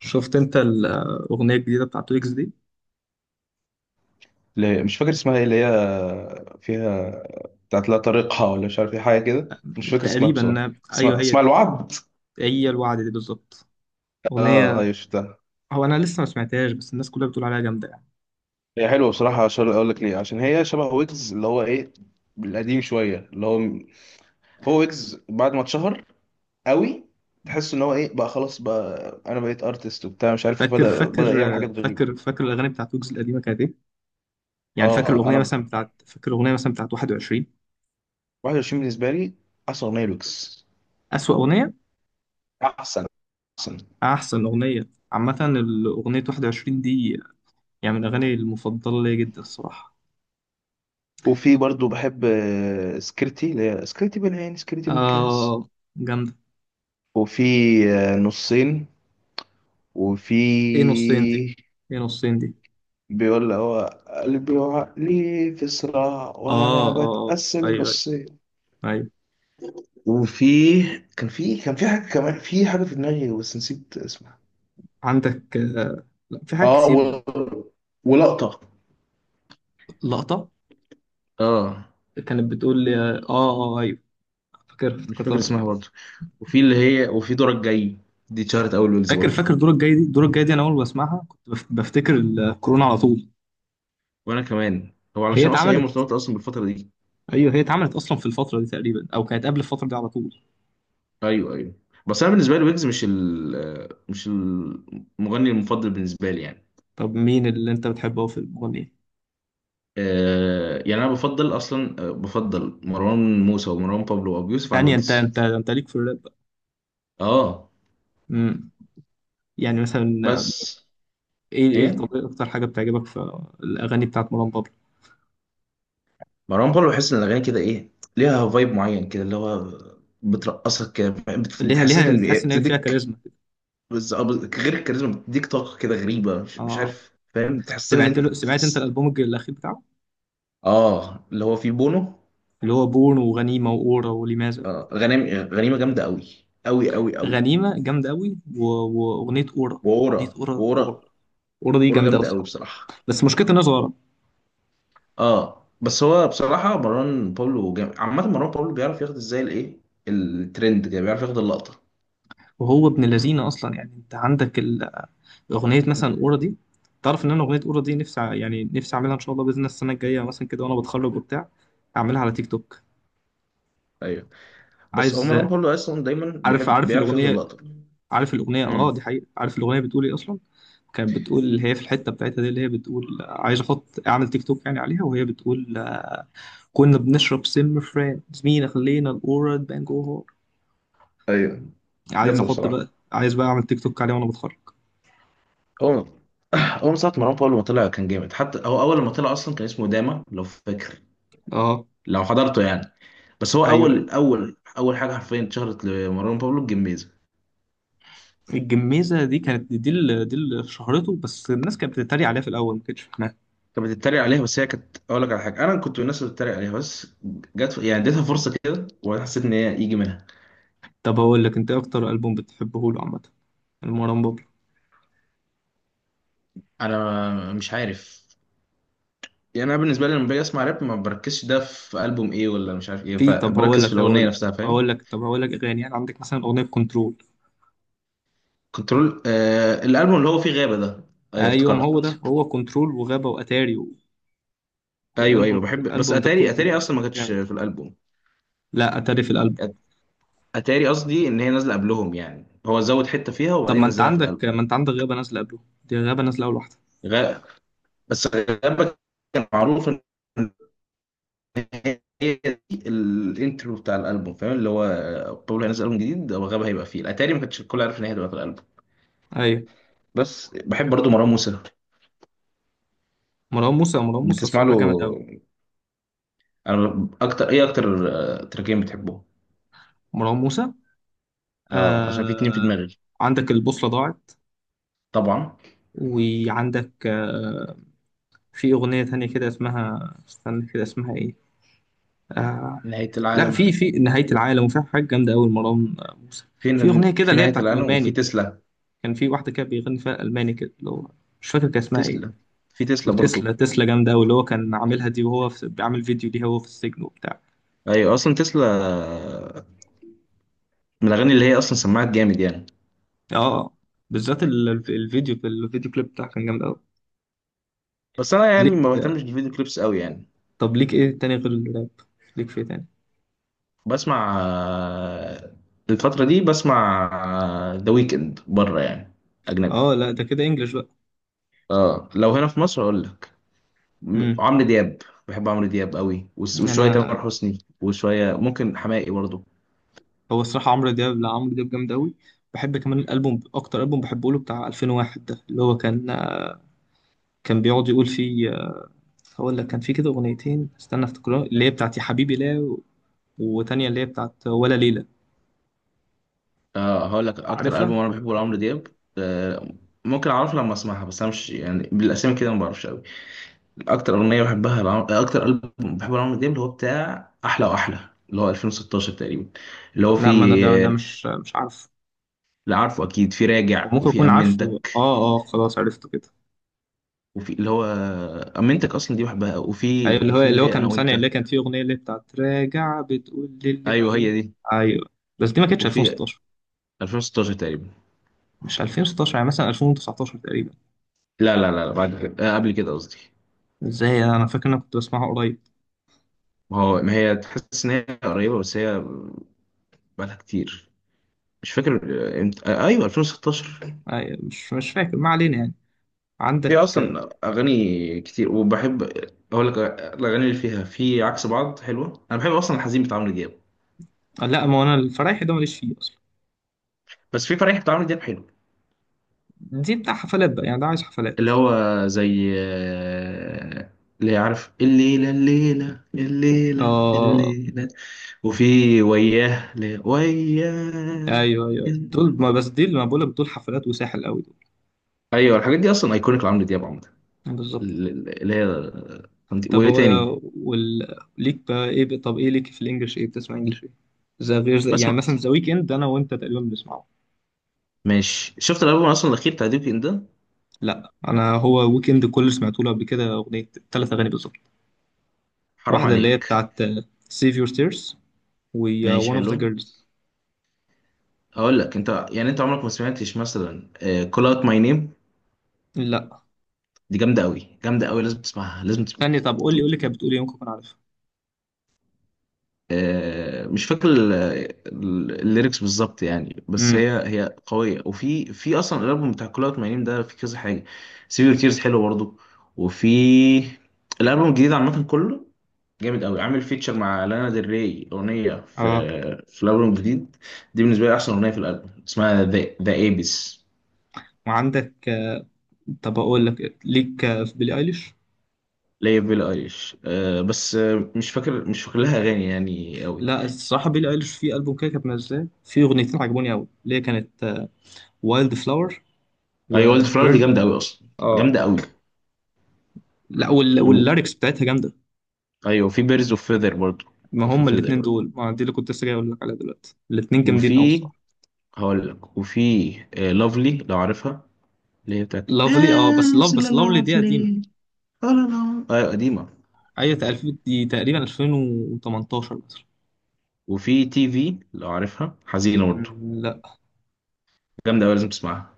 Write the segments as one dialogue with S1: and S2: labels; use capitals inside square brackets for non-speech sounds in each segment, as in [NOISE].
S1: شفت انت الاغنيه الجديده بتاعت ويجز دي؟
S2: مش فاكر اسمها ايه اللي هي فيها بتاعت لا طريقها ولا مش عارف ايه حاجه كده، مش فاكر اسمها بصراحه.
S1: تقريبا
S2: اسمها
S1: ايوه
S2: اسمها
S1: هي.
S2: الوعد.
S1: هي الوعد دي بالظبط
S2: اه،
S1: اغنيه.
S2: ايوه شفتها.
S1: هو انا لسه ما سمعتهاش بس الناس كلها بتقول عليها جامده يعني.
S2: هي حلوه بصراحه. عشان اقول لك ليه، عشان هي شبه ويجز اللي هو ايه، القديم شويه، اللي هو ويجز بعد ما اتشهر قوي. تحس ان هو ايه بقى، خلاص بقى انا بقيت ارتست وبتاع مش عارف ايه،
S1: فاكر
S2: بدا
S1: فاكر
S2: بدا يعمل حاجات غريبه.
S1: فاكر الاغاني بتاعت ويجز القديمه كانت ايه؟ يعني فاكر
S2: اه.
S1: الاغنيه
S2: انا
S1: مثلا بتاعت، فاكر الاغنيه مثلا بتاعت 21.
S2: 21 بالنسبه لي احسن اغنيه لويجز.
S1: اسوأ اغنيه؟
S2: احسن. احسن.
S1: احسن اغنيه عامه الاغنيه 21 دي، يعني من الاغاني المفضله ليا جدا الصراحه.
S2: وفي برضو بحب سكرتي، اللي هي سكرتي بالعين سكرتي بالكاس.
S1: اه جامده.
S2: وفي نصين. وفي
S1: ايه نصين دي؟ ايه نصين دي؟
S2: بيقول هو قلبي وعقلي في صراع
S1: اه
S2: وانا
S1: اه،
S2: بتقسم
S1: ايوه
S2: نصين.
S1: ايوه.
S2: وفي كان في حاجه، كمان في حاجه في دماغي بس نسيت اسمها.
S1: عندك، لا في حاجات
S2: اه
S1: كتير.
S2: ولقطه.
S1: لقطة.
S2: اه،
S1: كانت بتقول لي اه اه، ايوه، فاكر،
S2: مش فاكر
S1: افتكرتها.
S2: اسمها برضو. وفي اللي هي وفي دورك جاي، دي اتشهرت اول ويلز
S1: فاكر
S2: برضو.
S1: فاكر الدور الجاي دي، الدور الجاي دي انا اول ما اسمعها كنت بفتكر الكورونا على طول.
S2: وانا كمان، هو
S1: هي
S2: علشان اصلا هي
S1: اتعملت،
S2: مرتبطه اصلا بالفتره دي.
S1: ايوه هي اتعملت اصلا في الفترة دي تقريبا او كانت قبل الفترة دي على طول.
S2: ايوه، ايوه. بس انا بالنسبه لي ويجز مش المغني المفضل بالنسبه لي يعني.
S1: طب مين اللي انت بتحبه في المغني؟
S2: يعني انا بفضل اصلا آه، بفضل مروان موسى ومروان بابلو وابو يوسف عن
S1: يعني انت
S2: ويجز.
S1: انت انت ليك في الراب بقى.
S2: اه.
S1: امم يعني مثلا،
S2: بس
S1: ايه ايه
S2: ايه؟
S1: طب اكتر حاجة بتعجبك في الاغاني بتاعت مروان بابلو؟
S2: مروان بابلو بحس ان الاغاني كده ايه، ليها فايب معين كده، اللي هو بترقصك كده،
S1: ليها
S2: بتحسسك
S1: ليها
S2: ان
S1: تحس ان هي فيها
S2: بتديك.
S1: كاريزما.
S2: غير الكاريزما، بتديك طاقه كده غريبه مش
S1: اه.
S2: عارف، فاهم، بتحسسك ان
S1: سمعت
S2: انت
S1: له، سمعت انت
S2: بتحس.
S1: الالبوم الاخير بتاعه؟
S2: اه، اللي هو في بونو.
S1: اللي هو بورن وغنيمة وأورا ولماذا.
S2: غنيمه، غنيمه جامده قوي. قوي قوي قوي.
S1: غنيمة جامدة أوي وأغنية أورا.
S2: وورا،
S1: أغنية أورا
S2: وورا.
S1: أورا، أورا دي
S2: وورا
S1: جامدة
S2: جامده قوي
S1: أصلا
S2: بصراحه.
S1: بس مشكلتها إنها صغيرة.
S2: اه، بس هو بصراحه مروان باولو جامد عامه. مروان باولو بيعرف ياخد ازاي الايه، الترند، كده بيعرف ياخد اللقطه.
S1: وهو ابن لذينة أصلا. يعني أنت عندك أغنية مثلا أورا دي، تعرف إن أنا أغنية أورا دي نفسي يعني نفسي أعملها إن شاء الله بإذن الله السنة الجاية مثلا كده وأنا بتخرج وبتاع، أعملها على تيك توك.
S2: ايوه، بس هو
S1: عايز.
S2: مروان باولو اصلا دايما
S1: عارف
S2: بيحب،
S1: عارف
S2: بيعرف ياخد
S1: الأغنية؟
S2: اللقطه.
S1: عارف الأغنية؟ أه
S2: امم
S1: دي حقيقة. عارف الأغنية بتقول إيه أصلا؟ كانت بتقول اللي هي في الحتة بتاعتها دي اللي هي بتقول عايز أحط أعمل تيك توك يعني عليها، وهي بتقول كنا بنشرب سم فرانك مين خلينا الأورا بانج أوفر.
S2: ايوه،
S1: عايز
S2: جامده
S1: أحط
S2: بصراحه.
S1: بقى، عايز بقى أعمل تيك توك عليه وأنا بتخرج.
S2: هو هو من ساعه مروان باولو ما طلع كان جامد، حتى هو اول ما طلع اصلا كان اسمه داما لو فاكر،
S1: أه.
S2: لو حضرته يعني. بس هو
S1: أيوه أيوه.
S2: اول اول اول حاجه حرفيا اتشهرت لمروان بابلو الجميزه.
S1: الجميزة دي كانت، دي اللي، دي اللي شهرته، بس الناس كانت بتتريق عليها في الأول ما كانتش فاهمها.
S2: كانت بتتريق عليها، بس هي كانت، اقول لك على حاجه، انا كنت من الناس اللي بتتريق عليها، بس جت يعني اديتها فرصه كده وحسيت ان هي يجي منها.
S1: طب هقول لك أنت إيه أكتر ألبوم بتحبه له عامة؟ المروان بابلو.
S2: انا مش عارف يعني، انا بالنسبه لي لما باجي اسمع راب ما بركزش ده في البوم ايه ولا مش عارف ايه،
S1: في، طب هقول
S2: فبركز في
S1: لك طب هقول
S2: الاغنيه
S1: لك
S2: نفسها فاهم.
S1: هقول لك طب هقول لك أغاني يعني. عندك مثلا أغنية كنترول.
S2: كنترول، الالبوم اللي هو فيه غابه ده، ايوه
S1: أيوه، ما هو ده،
S2: افتكرت.
S1: هو كنترول وغابة وأتاري
S2: ايوه،
S1: والألبوم،
S2: ايوه بحب. بس
S1: الألبوم ده
S2: اتاري،
S1: كله
S2: اصلا ما كانتش
S1: جامد.
S2: في الالبوم.
S1: لا أتاري في الألبوم.
S2: اتاري قصدي ان هي نازله قبلهم، يعني هو زود حته فيها
S1: طب
S2: وبعدين
S1: ما انت
S2: نزلها في
S1: عندك،
S2: الالبوم.
S1: ما انت عندك غابة نازلة قبله، دي غابة نازلة أول واحدة.
S2: غابه، بس غابه كان معروف ان هي دي الانترو بتاع الالبوم، فاهم، اللي هو بابلو هينزل البوم جديد وغابة هيبقى فيه، اتاري ما كانش الكل عارف ان هي هتبقى في الالبوم.
S1: أيوة.
S2: بس بحب برضو مروان موسى.
S1: مروان موسى، مروان موسى
S2: بتسمع
S1: الصراحة
S2: له؟
S1: جامد أوي.
S2: انا اكتر ايه، اكتر تراكين بتحبهم.
S1: مروان موسى،
S2: اه، عشان في اتنين في
S1: آه...
S2: دماغي.
S1: عندك البوصلة ضاعت،
S2: طبعا
S1: وعندك، في أغنية تانية كده اسمها استنى كده اسمها إيه، آه...
S2: نهاية
S1: لا
S2: العالم.
S1: في، في نهاية العالم، وفي حاجة جامدة أوي مروان موسى،
S2: في
S1: في أغنية كده
S2: في
S1: اللي هي
S2: نهاية
S1: بتاعت
S2: العالم، وفي
S1: ألماني.
S2: تسلا،
S1: كان في واحدة كده بيغني فيها ألماني كده اللي هو، مش فاكر كان اسمها إيه.
S2: تسلا. في تسلا برضو.
S1: وتسلا، تسلا جامدة أوي، اللي هو كان عاملها دي وهو بيعمل فيديو ليها وهو في السجن وبتاع.
S2: ايوه، اصلا تسلا من الاغاني اللي هي اصلا سمعت جامد يعني.
S1: اه بالذات الفيديو، الفيديو كليب بتاعه كان جامد قوي.
S2: بس انا يعني
S1: ليك،
S2: ما بهتمش بالفيديو كليبس قوي يعني.
S1: طب ليك ايه تاني غير الراب؟ ليك في إيه تاني؟
S2: بسمع الفترة دي بسمع ذا ويكند بره يعني، أجنبي.
S1: اه لا ده كده انجلش بقى.
S2: اه، لو هنا في مصر أقول لك
S1: امم
S2: عمرو دياب. بحب عمرو دياب قوي، وشوية
S1: انا،
S2: تامر حسني وشوية ممكن حماقي برضو.
S1: هو الصراحه عمرو دياب، لا عمرو دياب جامد قوي. بحب كمان الالبوم، اكتر البوم بحبه له بتاع 2001 ده، اللي هو كان كان بيقعد يقول فيه، هقول لك كان فيه كده اغنيتين، استنى افتكرها، اللي هي بتاعت يا حبيبي لا وتانية اللي هي بتاعت ولا ليلة.
S2: اه، هقول لك أكتر ألبوم
S1: عارفها؟
S2: أنا بحبه لعمرو دياب. آه ممكن أعرفه لما أسمعها، بس أنا مش يعني بالأسامي كده، ما بعرفش قوي. أكتر ألبوم بحبه لعمرو دياب اللي هو بتاع أحلى وأحلى، اللي هو 2016 تقريبا، اللي هو
S1: لا، ما انا ده
S2: فيه.
S1: مش عارفه.
S2: اللي عارفه أكيد في
S1: أو
S2: راجع
S1: ممكن
S2: وفي
S1: اكون
S2: أمنت،
S1: عارفه، اه اه خلاص عرفته كده.
S2: وفي اللي هو امنتك اصلا دي بحبها،
S1: ايوه،
S2: وفي
S1: اللي هو
S2: وفي اللي
S1: اللي هو
S2: هي انا
S1: كان ثانية
S2: وانت.
S1: اللي كانت فيه اغنية اللي بتاعت راجع، بتقول للي ما
S2: ايوه،
S1: بين.
S2: هي دي.
S1: ايوه بس دي ما كانتش
S2: وفي
S1: 2016.
S2: 2016 تقريبا.
S1: مش 2016، يعني مثلا 2019 تقريبا.
S2: لا، لا، لا، لا، بعد كده قبل كده قصدي.
S1: ازاي، انا فاكر ان انا كنت بسمعها قريب.
S2: ما هو، ما هي تحس ان هي قريبه، بس هي بقالها كتير. مش فاكر امتى. ايوه 2016.
S1: أيوة، مش فاكر، ما علينا يعني.
S2: في
S1: عندك،
S2: اصلا اغاني كتير، وبحب اقول لك الاغاني اللي فيها في عكس بعض حلوه. انا بحب اصلا الحزين بتاع عمرو دياب.
S1: لا ما هو انا الفرايحي ده ماليش فيه اصلا.
S2: بس في فرح بتاع عمرو دياب حلو،
S1: دي بتاع حفلات بقى يعني، ده عايز حفلات.
S2: اللي هو زي اللي عارف، الليلة الليلة الليلة
S1: اه
S2: الليلة. وفي وياه، وياه.
S1: ايوه ايوه، دول ما بس دي اللي ما بقولك، دول حفلات وساحل قوي دول.
S2: ايوه، الحاجات دي اصلا ايكونيك لعمرو دياب عموما،
S1: بالظبط.
S2: اللي هي،
S1: طب
S2: وايه
S1: هو
S2: تاني؟
S1: ليك بقى ايه، طب ايه ليك في الانجليش؟ ايه بتسمع انجليش ايه؟ زي غير زي... يعني
S2: بسمع،
S1: مثلا ذا ويكند انا وانت تقريبا بنسمعه.
S2: ماشي. شفت الالبوم اصلا الاخير بتاع ديب ان ده؟
S1: لا انا، هو ويكند كله سمعت له قبل كده اغنيه، ثلاث اغاني بالظبط.
S2: حرام
S1: واحده اللي هي
S2: عليك.
S1: بتاعت سيف يور تيرز، و،
S2: ماشي
S1: وان اوف ذا
S2: حلو.
S1: جيرلز.
S2: هقول لك انت يعني انت عمرك ما سمعتش مثلا كول اوت ماي نيم؟
S1: لا.
S2: دي جامده قوي، جامده قوي، لازم تسمعها، لازم تسمعها.
S1: ثانيه، طب قول لي، قول لي كانت بتقول ايه ممكن اكون عارفها.
S2: مش فاكر الليركس بالظبط يعني، بس
S1: امم
S2: هي قوية. وفي أصلا الألبوم بتاع كل أوت مجانين ده، في كذا حاجة. سيفير كيرز حلو برضو. وفي الألبوم الجديد عامة كله جامد أوي. عامل فيتشر مع لانا ديل ري أغنية
S1: اه.
S2: في الألبوم الجديد، دي بالنسبة لي أحسن أغنية في الألبوم، اسمها ذا ايبس.
S1: وعندك، طب اقول لك إيه؟ ليك، في بيلي ايليش؟
S2: ليا بيلي ايليش، أه، بس مش فاكر لها أغاني يعني أوي.
S1: لا الصراحه بيلي ايليش في البوم كده كانت منزلاه في اغنيتين عجبوني قوي، اللي هي كانت وايلد فلاور
S2: أي، ولد فلاور دي
S1: وبيرد.
S2: جامدة أوي أصلا،
S1: اه
S2: جامدة
S1: لا
S2: أوي.
S1: واللاركس بتاعتها جامده.
S2: ايوه، في بيرز اوف فيذر برضه،
S1: ما
S2: اوف
S1: هما الاثنين
S2: فيذر.
S1: دول، ما دي اللي كنت لسه جاي اقول لك عليها دلوقتي، الاثنين جامدين قوي
S2: وفي
S1: بصراحه.
S2: هقول لك وفي لافلي لو عارفها، اللي هي بتاعت
S1: لافلي، اه بس
S2: از
S1: لافلي دي قديمه.
S2: لافلي. لا، ايوه قديمه.
S1: ايوه تقريبا دي تقريبا 2018 مثلا.
S2: وفي تي في لو عارفها، حزينه برضه،
S1: لا.
S2: جامده قوي لازم تسمعها.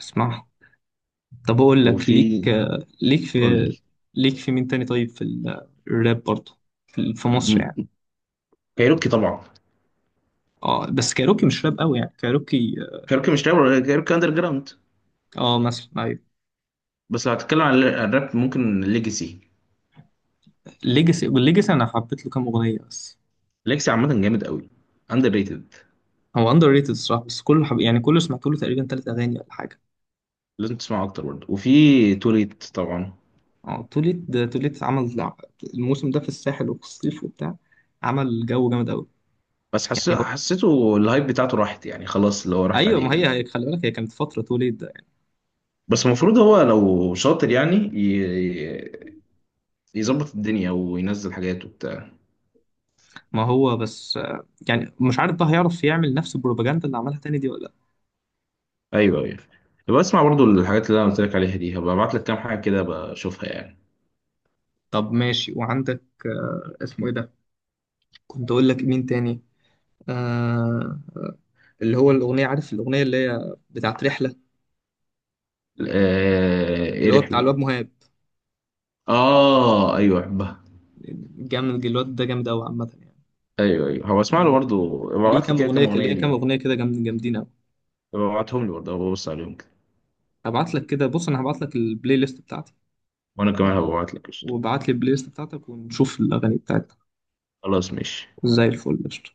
S1: اسمع. طب اقول لك، ليك،
S2: وفي،
S1: ليك في،
S2: قول لي.
S1: ليك في مين تاني طيب في الراب برضه؟ في في مصر يعني.
S2: م- كايروكي طبعا.
S1: اه بس كايروكي مش راب قوي يعني كايروكي.
S2: كايروكي مش رابر، كايروكي اندر جراوند.
S1: اه مثلا ايوه.
S2: بس لو هتتكلم عن عن الراب ممكن ليجاسي.
S1: ليجاسي، والليجاسي انا حبيت له كام اغنيه بس.
S2: ليجاسي عامه جامد قوي، اندر ريتد.
S1: هو اندر ريتد الصراحه، بس يعني كله سمعت له تقريبا ثلاث اغاني ولا حاجه.
S2: لازم تسمعه اكتر برضه. وفي توليت طبعا.
S1: اه توليت، ده توليت عمل الموسم ده في الساحل وفي الصيف وبتاع، عمل جو جامد قوي.
S2: بس
S1: يعني هو
S2: حسيته الهايب بتاعته راحت يعني، خلاص اللي هو
S1: [LAUGHS]
S2: راحت
S1: ايوه، ما
S2: عليه
S1: هي
S2: يعني.
S1: خلي بالك هي كانت فتره توليت ده يعني.
S2: بس المفروض هو لو شاطر يعني يظبط الدنيا وينزل حاجات وبتاع.
S1: ما هو بس، يعني مش عارف بقى هيعرف يعمل نفس البروباجندا اللي عملها تاني دي ولا لا.
S2: ايوه، ايوه. يبقى اسمع برضو الحاجات اللي انا قلت لك عليها دي، هبقى ابعت لك كام حاجه كده بشوفها يعني.
S1: طب ماشي. وعندك، اسمه ايه ده كنت اقول لك مين تاني، آه، اللي هو الاغنيه، عارف الاغنيه اللي هي بتاعت رحله؟
S2: ايه
S1: اللي هو
S2: الرحله
S1: بتاع
S2: دي؟
S1: الواد مهاب.
S2: اه، ايوه بحبها.
S1: جامد الواد ده، جامد قوي عامه.
S2: ايوه ايوه، هبقى اسمع له
S1: يعني
S2: برضو. هبقى
S1: ليه
S2: ابعت لي
S1: كام
S2: كده
S1: اغنيه،
S2: كام اغنيه
S1: ليه كام
S2: ليه،
S1: اغنيه كده جامدين.
S2: هبقى ابعتهم لي برضو هبقى ابص عليهم كده.
S1: هبعت لك كده، بص انا هبعت لك البلاي ليست بتاعتي،
S2: وانا كمان هبقى ابعت لك قشطة.
S1: وابعت لي البلاي ليست بتاعتك ونشوف الاغاني بتاعتك.
S2: خلاص ماشي.
S1: زي الفل، قشطة.